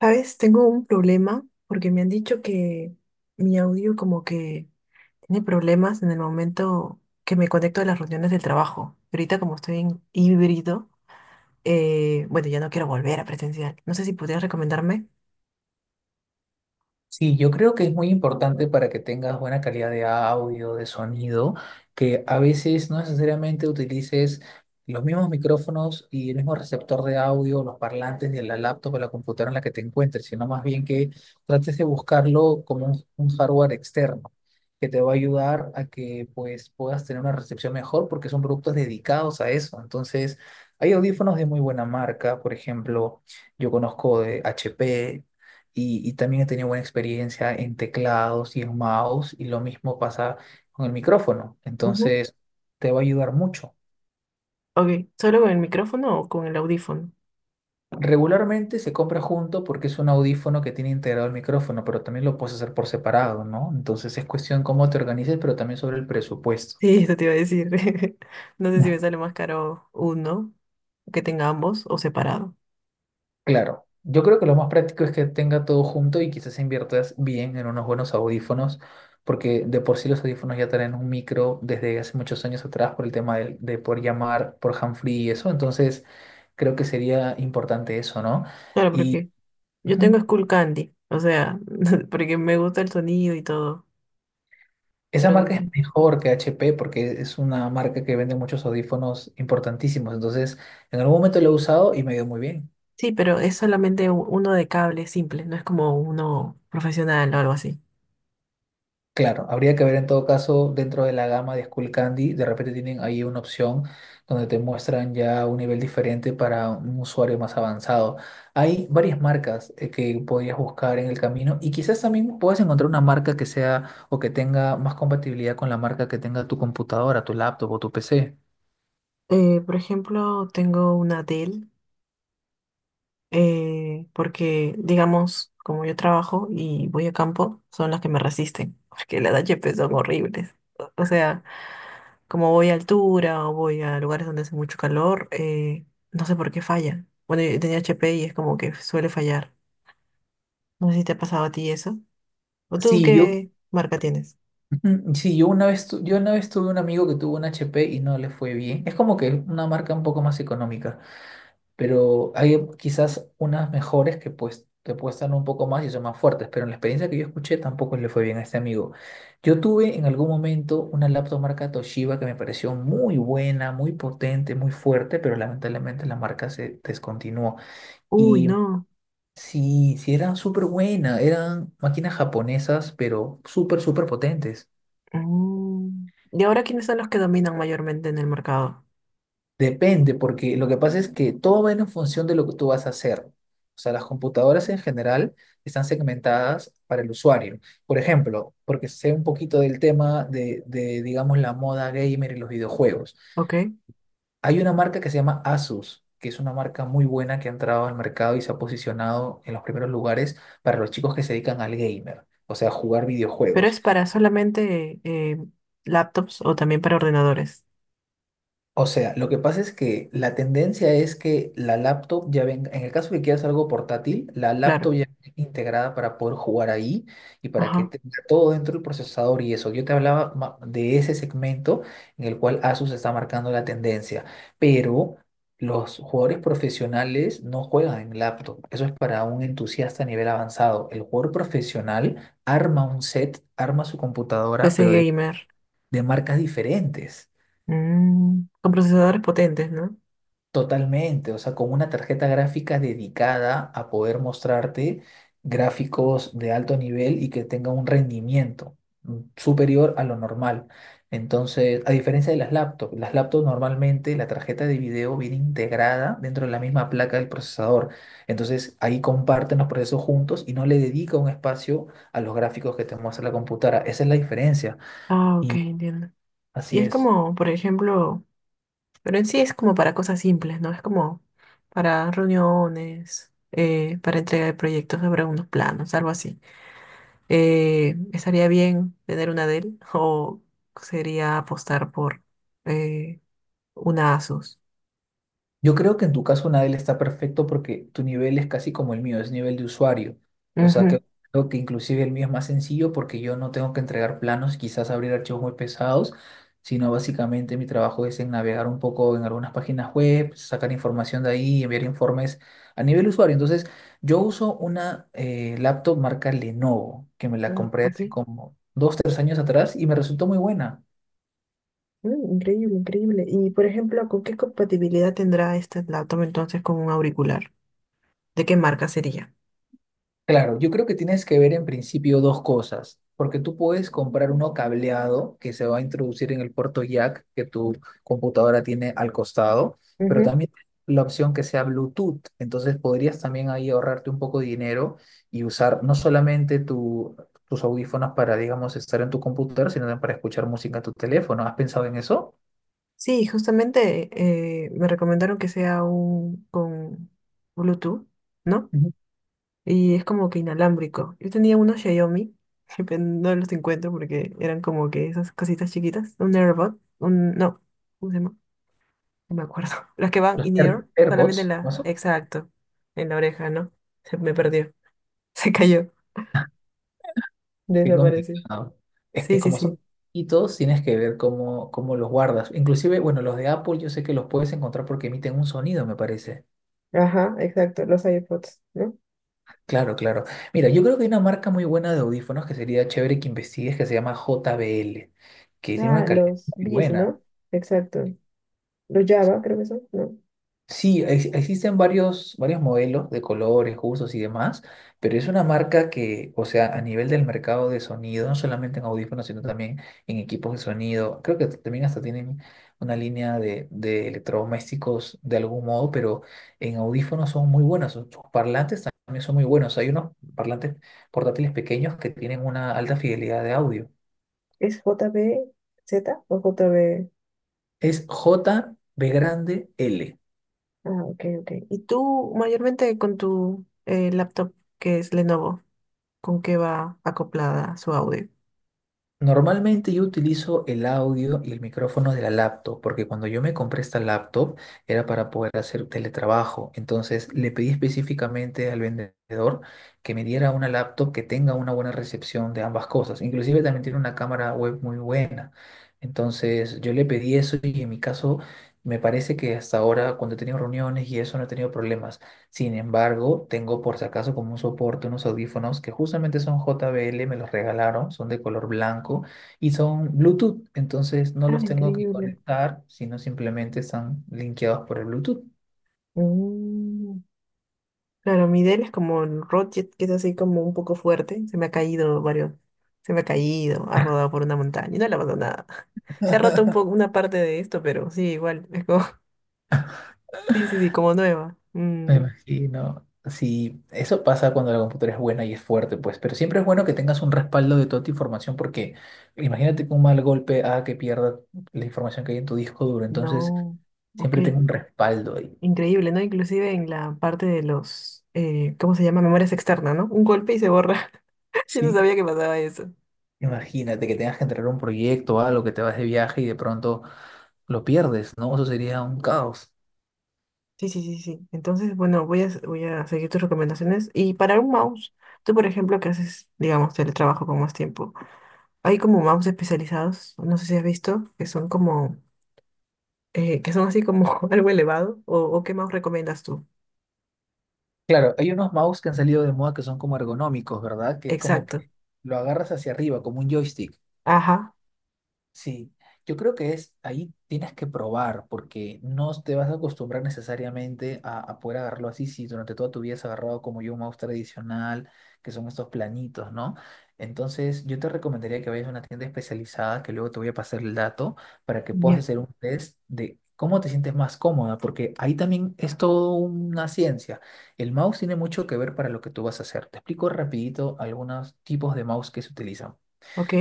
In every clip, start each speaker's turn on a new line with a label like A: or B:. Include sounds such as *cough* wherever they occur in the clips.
A: ¿Sabes? Tengo un problema porque me han dicho que mi audio como que tiene problemas en el momento que me conecto a las reuniones del trabajo. Y ahorita como estoy en híbrido, bueno, ya no quiero volver a presencial. No sé si podrías recomendarme.
B: Sí, yo creo que es muy importante para que tengas buena calidad de audio, de sonido, que a veces no necesariamente utilices los mismos micrófonos y el mismo receptor de audio, los parlantes de la laptop o la computadora en la que te encuentres, sino más bien que trates de buscarlo como un hardware externo que te va a ayudar a que pues puedas tener una recepción mejor porque son productos dedicados a eso. Entonces, hay audífonos de muy buena marca, por ejemplo, yo conozco de HP y también he tenido buena experiencia en teclados y en mouse y lo mismo pasa con el micrófono.
A: Ujú.
B: Entonces, te va a ayudar mucho.
A: Ok, ¿solo con el micrófono o con el audífono?
B: Regularmente se compra junto porque es un audífono que tiene integrado el micrófono, pero también lo puedes hacer por separado, ¿no? Entonces es cuestión cómo te organices, pero también sobre el presupuesto.
A: Sí, eso te iba a decir. *laughs* No sé si me
B: *laughs*
A: sale más caro uno que tenga ambos o separado.
B: Claro, yo creo que lo más práctico es que tenga todo junto y quizás inviertas bien en unos buenos audífonos, porque de por sí los audífonos ya traen un micro desde hace muchos años atrás por el tema por llamar por handfree y eso, entonces creo que sería importante eso, ¿no?
A: Claro,
B: Y
A: porque yo tengo
B: ujú,
A: Skull Candy, o sea, *laughs* porque me gusta el sonido y todo,
B: esa
A: pero
B: marca es mejor que HP porque es una marca que vende muchos audífonos importantísimos, entonces en algún momento lo he usado y me ha ido muy bien.
A: sí, pero es solamente uno de cable simple, no es como uno profesional o algo así.
B: Claro, habría que ver en todo caso dentro de la gama de Skull Candy, de repente tienen ahí una opción donde te muestran ya un nivel diferente para un usuario más avanzado. Hay varias marcas que podrías buscar en el camino y quizás también puedas encontrar una marca que sea o que tenga más compatibilidad con la marca que tenga tu computadora, tu laptop o tu PC.
A: Por ejemplo, tengo una Dell, porque, digamos, como yo trabajo y voy a campo, son las que me resisten, *laughs* porque las HP son horribles. O sea, como voy a altura o voy a lugares donde hace mucho calor, no sé por qué falla. Bueno, yo tenía HP y es como que suele fallar. No sé si te ha pasado a ti eso. ¿O tú
B: Sí, yo,
A: qué marca tienes?
B: ujú, sí, yo una vez, yo una vez tuve un amigo que tuvo un HP y no le fue bien. Es como que una marca un poco más económica. Pero hay quizás unas mejores que pues te cuestan un poco más y son más fuertes, pero en la experiencia que yo escuché tampoco le fue bien a este amigo. Yo tuve en algún momento una laptop marca Toshiba que me pareció muy buena, muy potente, muy fuerte, pero lamentablemente la marca se descontinuó.
A: Uy,
B: Y
A: no.
B: sí, sí eran súper buenas, eran máquinas japonesas, pero súper, súper potentes.
A: Mm. ¿Y ahora quiénes son los que dominan mayormente en el mercado?
B: Depende, porque lo que pasa es que todo va en función de lo que tú vas a hacer. O sea, las computadoras en general están segmentadas para el usuario. Por ejemplo, porque sé un poquito del tema digamos, la moda gamer y los videojuegos.
A: Ok.
B: Hay una marca que se llama Asus, que es una marca muy buena que ha entrado al mercado y se ha posicionado en los primeros lugares para los chicos que se dedican al gamer, o sea, jugar
A: Pero
B: videojuegos.
A: es para solamente laptops o también para ordenadores.
B: O sea, lo que pasa es que la tendencia es que la laptop ya venga, en el caso que quieras algo portátil, la laptop
A: Claro.
B: ya viene integrada para poder jugar ahí y para que
A: Ajá.
B: tenga todo dentro del procesador y eso. Yo te hablaba de ese segmento en el cual Asus está marcando la tendencia, pero los jugadores profesionales no juegan en laptop. Eso es para un entusiasta a nivel avanzado. El jugador profesional arma un set, arma su computadora,
A: PC
B: pero de
A: gamer.
B: de marcas diferentes.
A: Mm. Con procesadores potentes, ¿no?
B: Totalmente, o sea, con una tarjeta gráfica dedicada a poder mostrarte gráficos de alto nivel y que tenga un rendimiento superior a lo normal. Entonces, a diferencia de las laptops normalmente la tarjeta de video viene integrada dentro de la misma placa del procesador. Entonces, ahí comparten los procesos juntos y no le dedica un espacio a los gráficos que te muestra la computadora. Esa es la diferencia.
A: Ah, ok,
B: Y
A: entiendo. Y
B: así
A: es
B: es.
A: como, por ejemplo, pero en sí es como para cosas simples, ¿no? Es como para reuniones, para entrega de proyectos sobre unos planos, algo así. ¿Estaría bien tener una Dell o sería apostar por eh, una Asus?
B: Yo creo que en tu caso Nadel está perfecto porque tu nivel es casi como el mío, es nivel de usuario. O sea
A: Ujú.
B: que creo que inclusive el mío es más sencillo porque yo no tengo que entregar planos, quizás abrir archivos muy pesados, sino básicamente mi trabajo es en navegar un poco en algunas páginas web, sacar información de ahí, enviar informes a nivel usuario. Entonces, yo uso una laptop marca Lenovo, que me la
A: No,
B: compré
A: ok.
B: hace como dos, tres años atrás y me resultó muy buena.
A: Mm, increíble, increíble. Y por ejemplo, ¿con qué compatibilidad tendrá este laptop entonces con un auricular? ¿De qué marca sería?
B: Claro, yo creo que tienes que ver en principio dos cosas, porque tú puedes comprar uno cableado que se va a introducir en el puerto jack que tu computadora tiene al costado, pero
A: Ujú.
B: también la opción que sea Bluetooth, entonces podrías también ahí ahorrarte un poco de dinero y usar no solamente tus audífonos para, digamos, estar en tu computadora, sino también para escuchar música en tu teléfono. ¿Has pensado en eso?
A: Sí, justamente me recomendaron que sea un con Bluetooth, ¿no?
B: Ujú.
A: Y es como que inalámbrico. Yo tenía unos Xiaomi, *laughs* pero no los encuentro porque eran como que esas cositas chiquitas, un AirBot, un, no, ¿cómo se llama? No me acuerdo. *laughs* Las que van
B: Los
A: in-ear, solamente en
B: AirPods, ¿no?
A: la, exacto, en la oreja, ¿no? Se me perdió, *laughs* se cayó.
B: Qué
A: Desapareció.
B: complicado. Es que
A: Sí, sí,
B: como
A: sí.
B: son poquitos, tienes que ver cómo, cómo los guardas. Inclusive, bueno, los de Apple yo sé que los puedes encontrar porque emiten un sonido, me parece.
A: Ajá, exacto, los iPods, ¿no?
B: Claro, claro. Mira, yo creo que hay una marca muy buena de audífonos que sería chévere que investigues, que se llama JBL, que tiene una
A: Ah,
B: calidad
A: los
B: muy
A: Bs,
B: buena.
A: ¿no? Exacto. Los Java, creo que son, ¿no?
B: Sí, existen varios, varios modelos de colores, gustos y demás, pero es una marca que, o sea, a nivel del mercado de sonido, no solamente en audífonos, sino también en equipos de sonido, creo que también hasta tienen una línea de electrodomésticos de algún modo, pero en audífonos son muy buenos, sus parlantes también son muy buenos, hay unos parlantes portátiles pequeños que tienen una alta fidelidad de audio.
A: ¿Es JBZ o JB?
B: Es J B grande L.
A: Ah, ok, ok. ¿Y tú mayormente con tu laptop que es Lenovo, con qué va acoplada su audio?
B: Normalmente yo utilizo el audio y el micrófono de la laptop, porque cuando yo me compré esta laptop era para poder hacer teletrabajo. Entonces le pedí específicamente al vendedor que me diera una laptop que tenga una buena recepción de ambas cosas. Inclusive también tiene una cámara web muy buena. Entonces yo le pedí eso y en mi caso me parece que hasta ahora cuando he tenido reuniones y eso no he tenido problemas. Sin embargo, tengo por si acaso como un soporte unos audífonos que justamente son JBL, me los regalaron, son de color blanco y son Bluetooth, entonces no
A: Ah,
B: los tengo que
A: increíble.
B: conectar, sino simplemente están linkeados por el Bluetooth.
A: Mm. Claro, mi Dell es como el Rocket, que es así como un poco fuerte. Se me ha caído varios, se me ha caído, ha rodado por una montaña y no le ha pasado nada. *laughs* Se ha roto un poco
B: *laughs*
A: una parte de esto, pero sí, igual, es como, *laughs* sí, sí, sí, como nueva.
B: Me
A: Mm,
B: imagino. Sí, eso pasa cuando la computadora es buena y es fuerte, pues, pero siempre es bueno que tengas un respaldo de toda tu información porque imagínate que un mal golpe haga que pierda la información que hay en tu disco duro, entonces
A: no, ok.
B: siempre tengo un respaldo ahí.
A: Increíble, ¿no? Inclusive en la parte de los, ¿cómo se llama? Memorias externas, ¿no? Un golpe y se borra. *laughs* Yo no
B: Sí,
A: sabía que pasaba eso.
B: imagínate que tengas que entregar un proyecto o algo, que te vas de viaje y de pronto lo pierdes, ¿no? Eso sería un caos.
A: Sí, sí, sí, sí. Entonces, bueno, voy a seguir tus recomendaciones. Y para un mouse, tú, por ejemplo, que haces, digamos, teletrabajo con más tiempo, hay como mouse especializados, no sé si has visto, que son como, que son así como *laughs* algo elevado, o qué mouse recomiendas tú.
B: Claro, hay unos mouse que han salido de moda que son como ergonómicos, ¿verdad? Que es como que
A: Exacto.
B: lo agarras hacia arriba, como un joystick.
A: Ajá.
B: Sí, yo creo que es ahí tienes que probar porque no te vas a acostumbrar necesariamente a poder agarrarlo así si durante toda tu vida has agarrado como yo un mouse tradicional, que son estos planitos, ¿no? Entonces, yo te recomendaría que vayas a una tienda especializada, que luego te voy a pasar el dato para que puedas
A: Genial.
B: hacer un test de cómo te sientes más cómoda, porque ahí también es todo una ciencia. El mouse tiene mucho que ver para lo que tú vas a hacer. Te explico rapidito algunos tipos de mouse que se utilizan.
A: Ok.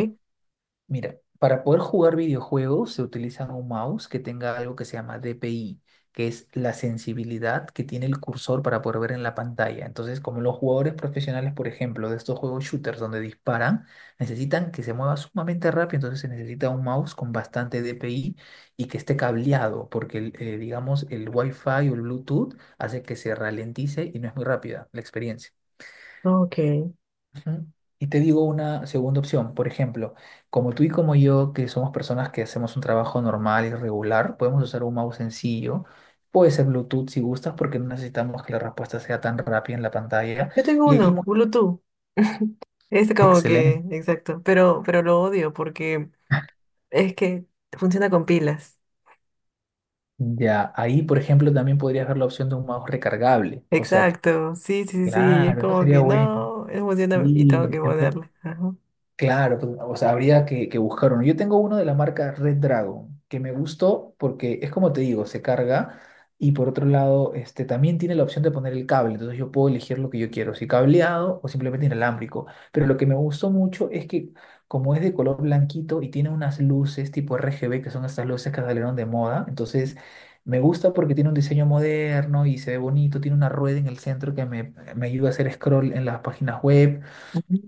B: Mira, para poder jugar videojuegos se utiliza un mouse que tenga algo que se llama DPI, que es la sensibilidad que tiene el cursor para poder ver en la pantalla. Entonces, como los jugadores profesionales, por ejemplo, de estos juegos shooters donde disparan, necesitan que se mueva sumamente rápido, entonces se necesita un mouse con bastante DPI y que esté cableado, porque el, digamos el Wi-Fi o el Bluetooth hace que se ralentice y no es muy rápida la experiencia.
A: Ok.
B: Ujú. Y te digo una segunda opción, por ejemplo, como tú y como yo, que somos personas que hacemos un trabajo normal y regular, podemos usar un mouse sencillo, puede ser Bluetooth si gustas, porque no necesitamos que la respuesta sea tan rápida en la pantalla.
A: Yo tengo
B: Y ahí,
A: uno, Bluetooth. *laughs* Es como que,
B: excelente.
A: exacto, pero lo odio porque es que funciona con pilas.
B: Ya, ahí, por ejemplo, también podrías ver la opción de un mouse recargable. O sea,
A: Exacto, sí, sí, sí, sí, es
B: claro, eso
A: como
B: sería
A: que
B: bueno.
A: no, no funciona y tengo
B: Y
A: que ponerle. Ajá.
B: claro, pues, o sea, habría que buscar uno. Yo tengo uno de la marca Red Dragon, que me gustó porque es como te digo, se carga y por otro lado, este, también tiene la opción de poner el cable, entonces yo puedo elegir lo que yo quiero, si cableado o simplemente inalámbrico. Pero lo que me gustó mucho es que como es de color blanquito y tiene unas luces tipo RGB, que son estas luces que salieron de moda, entonces me gusta porque tiene un diseño moderno y se ve bonito, tiene una rueda en el centro que me ayuda a hacer scroll en las páginas web.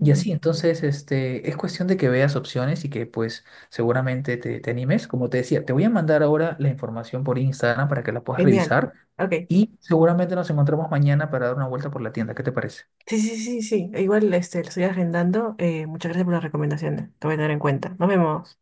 B: Y así, entonces, este, es cuestión de que veas opciones y que pues seguramente te, te animes. Como te decía, te voy a mandar ahora la información por Instagram para que la puedas
A: Genial.
B: revisar
A: Ok,
B: y seguramente nos encontramos mañana para dar una vuelta por la tienda. ¿Qué te parece?
A: sí, sí, sí, sí, igual este, lo estoy agendando. Muchas gracias por las recomendaciones, te voy a tener en cuenta. Nos vemos.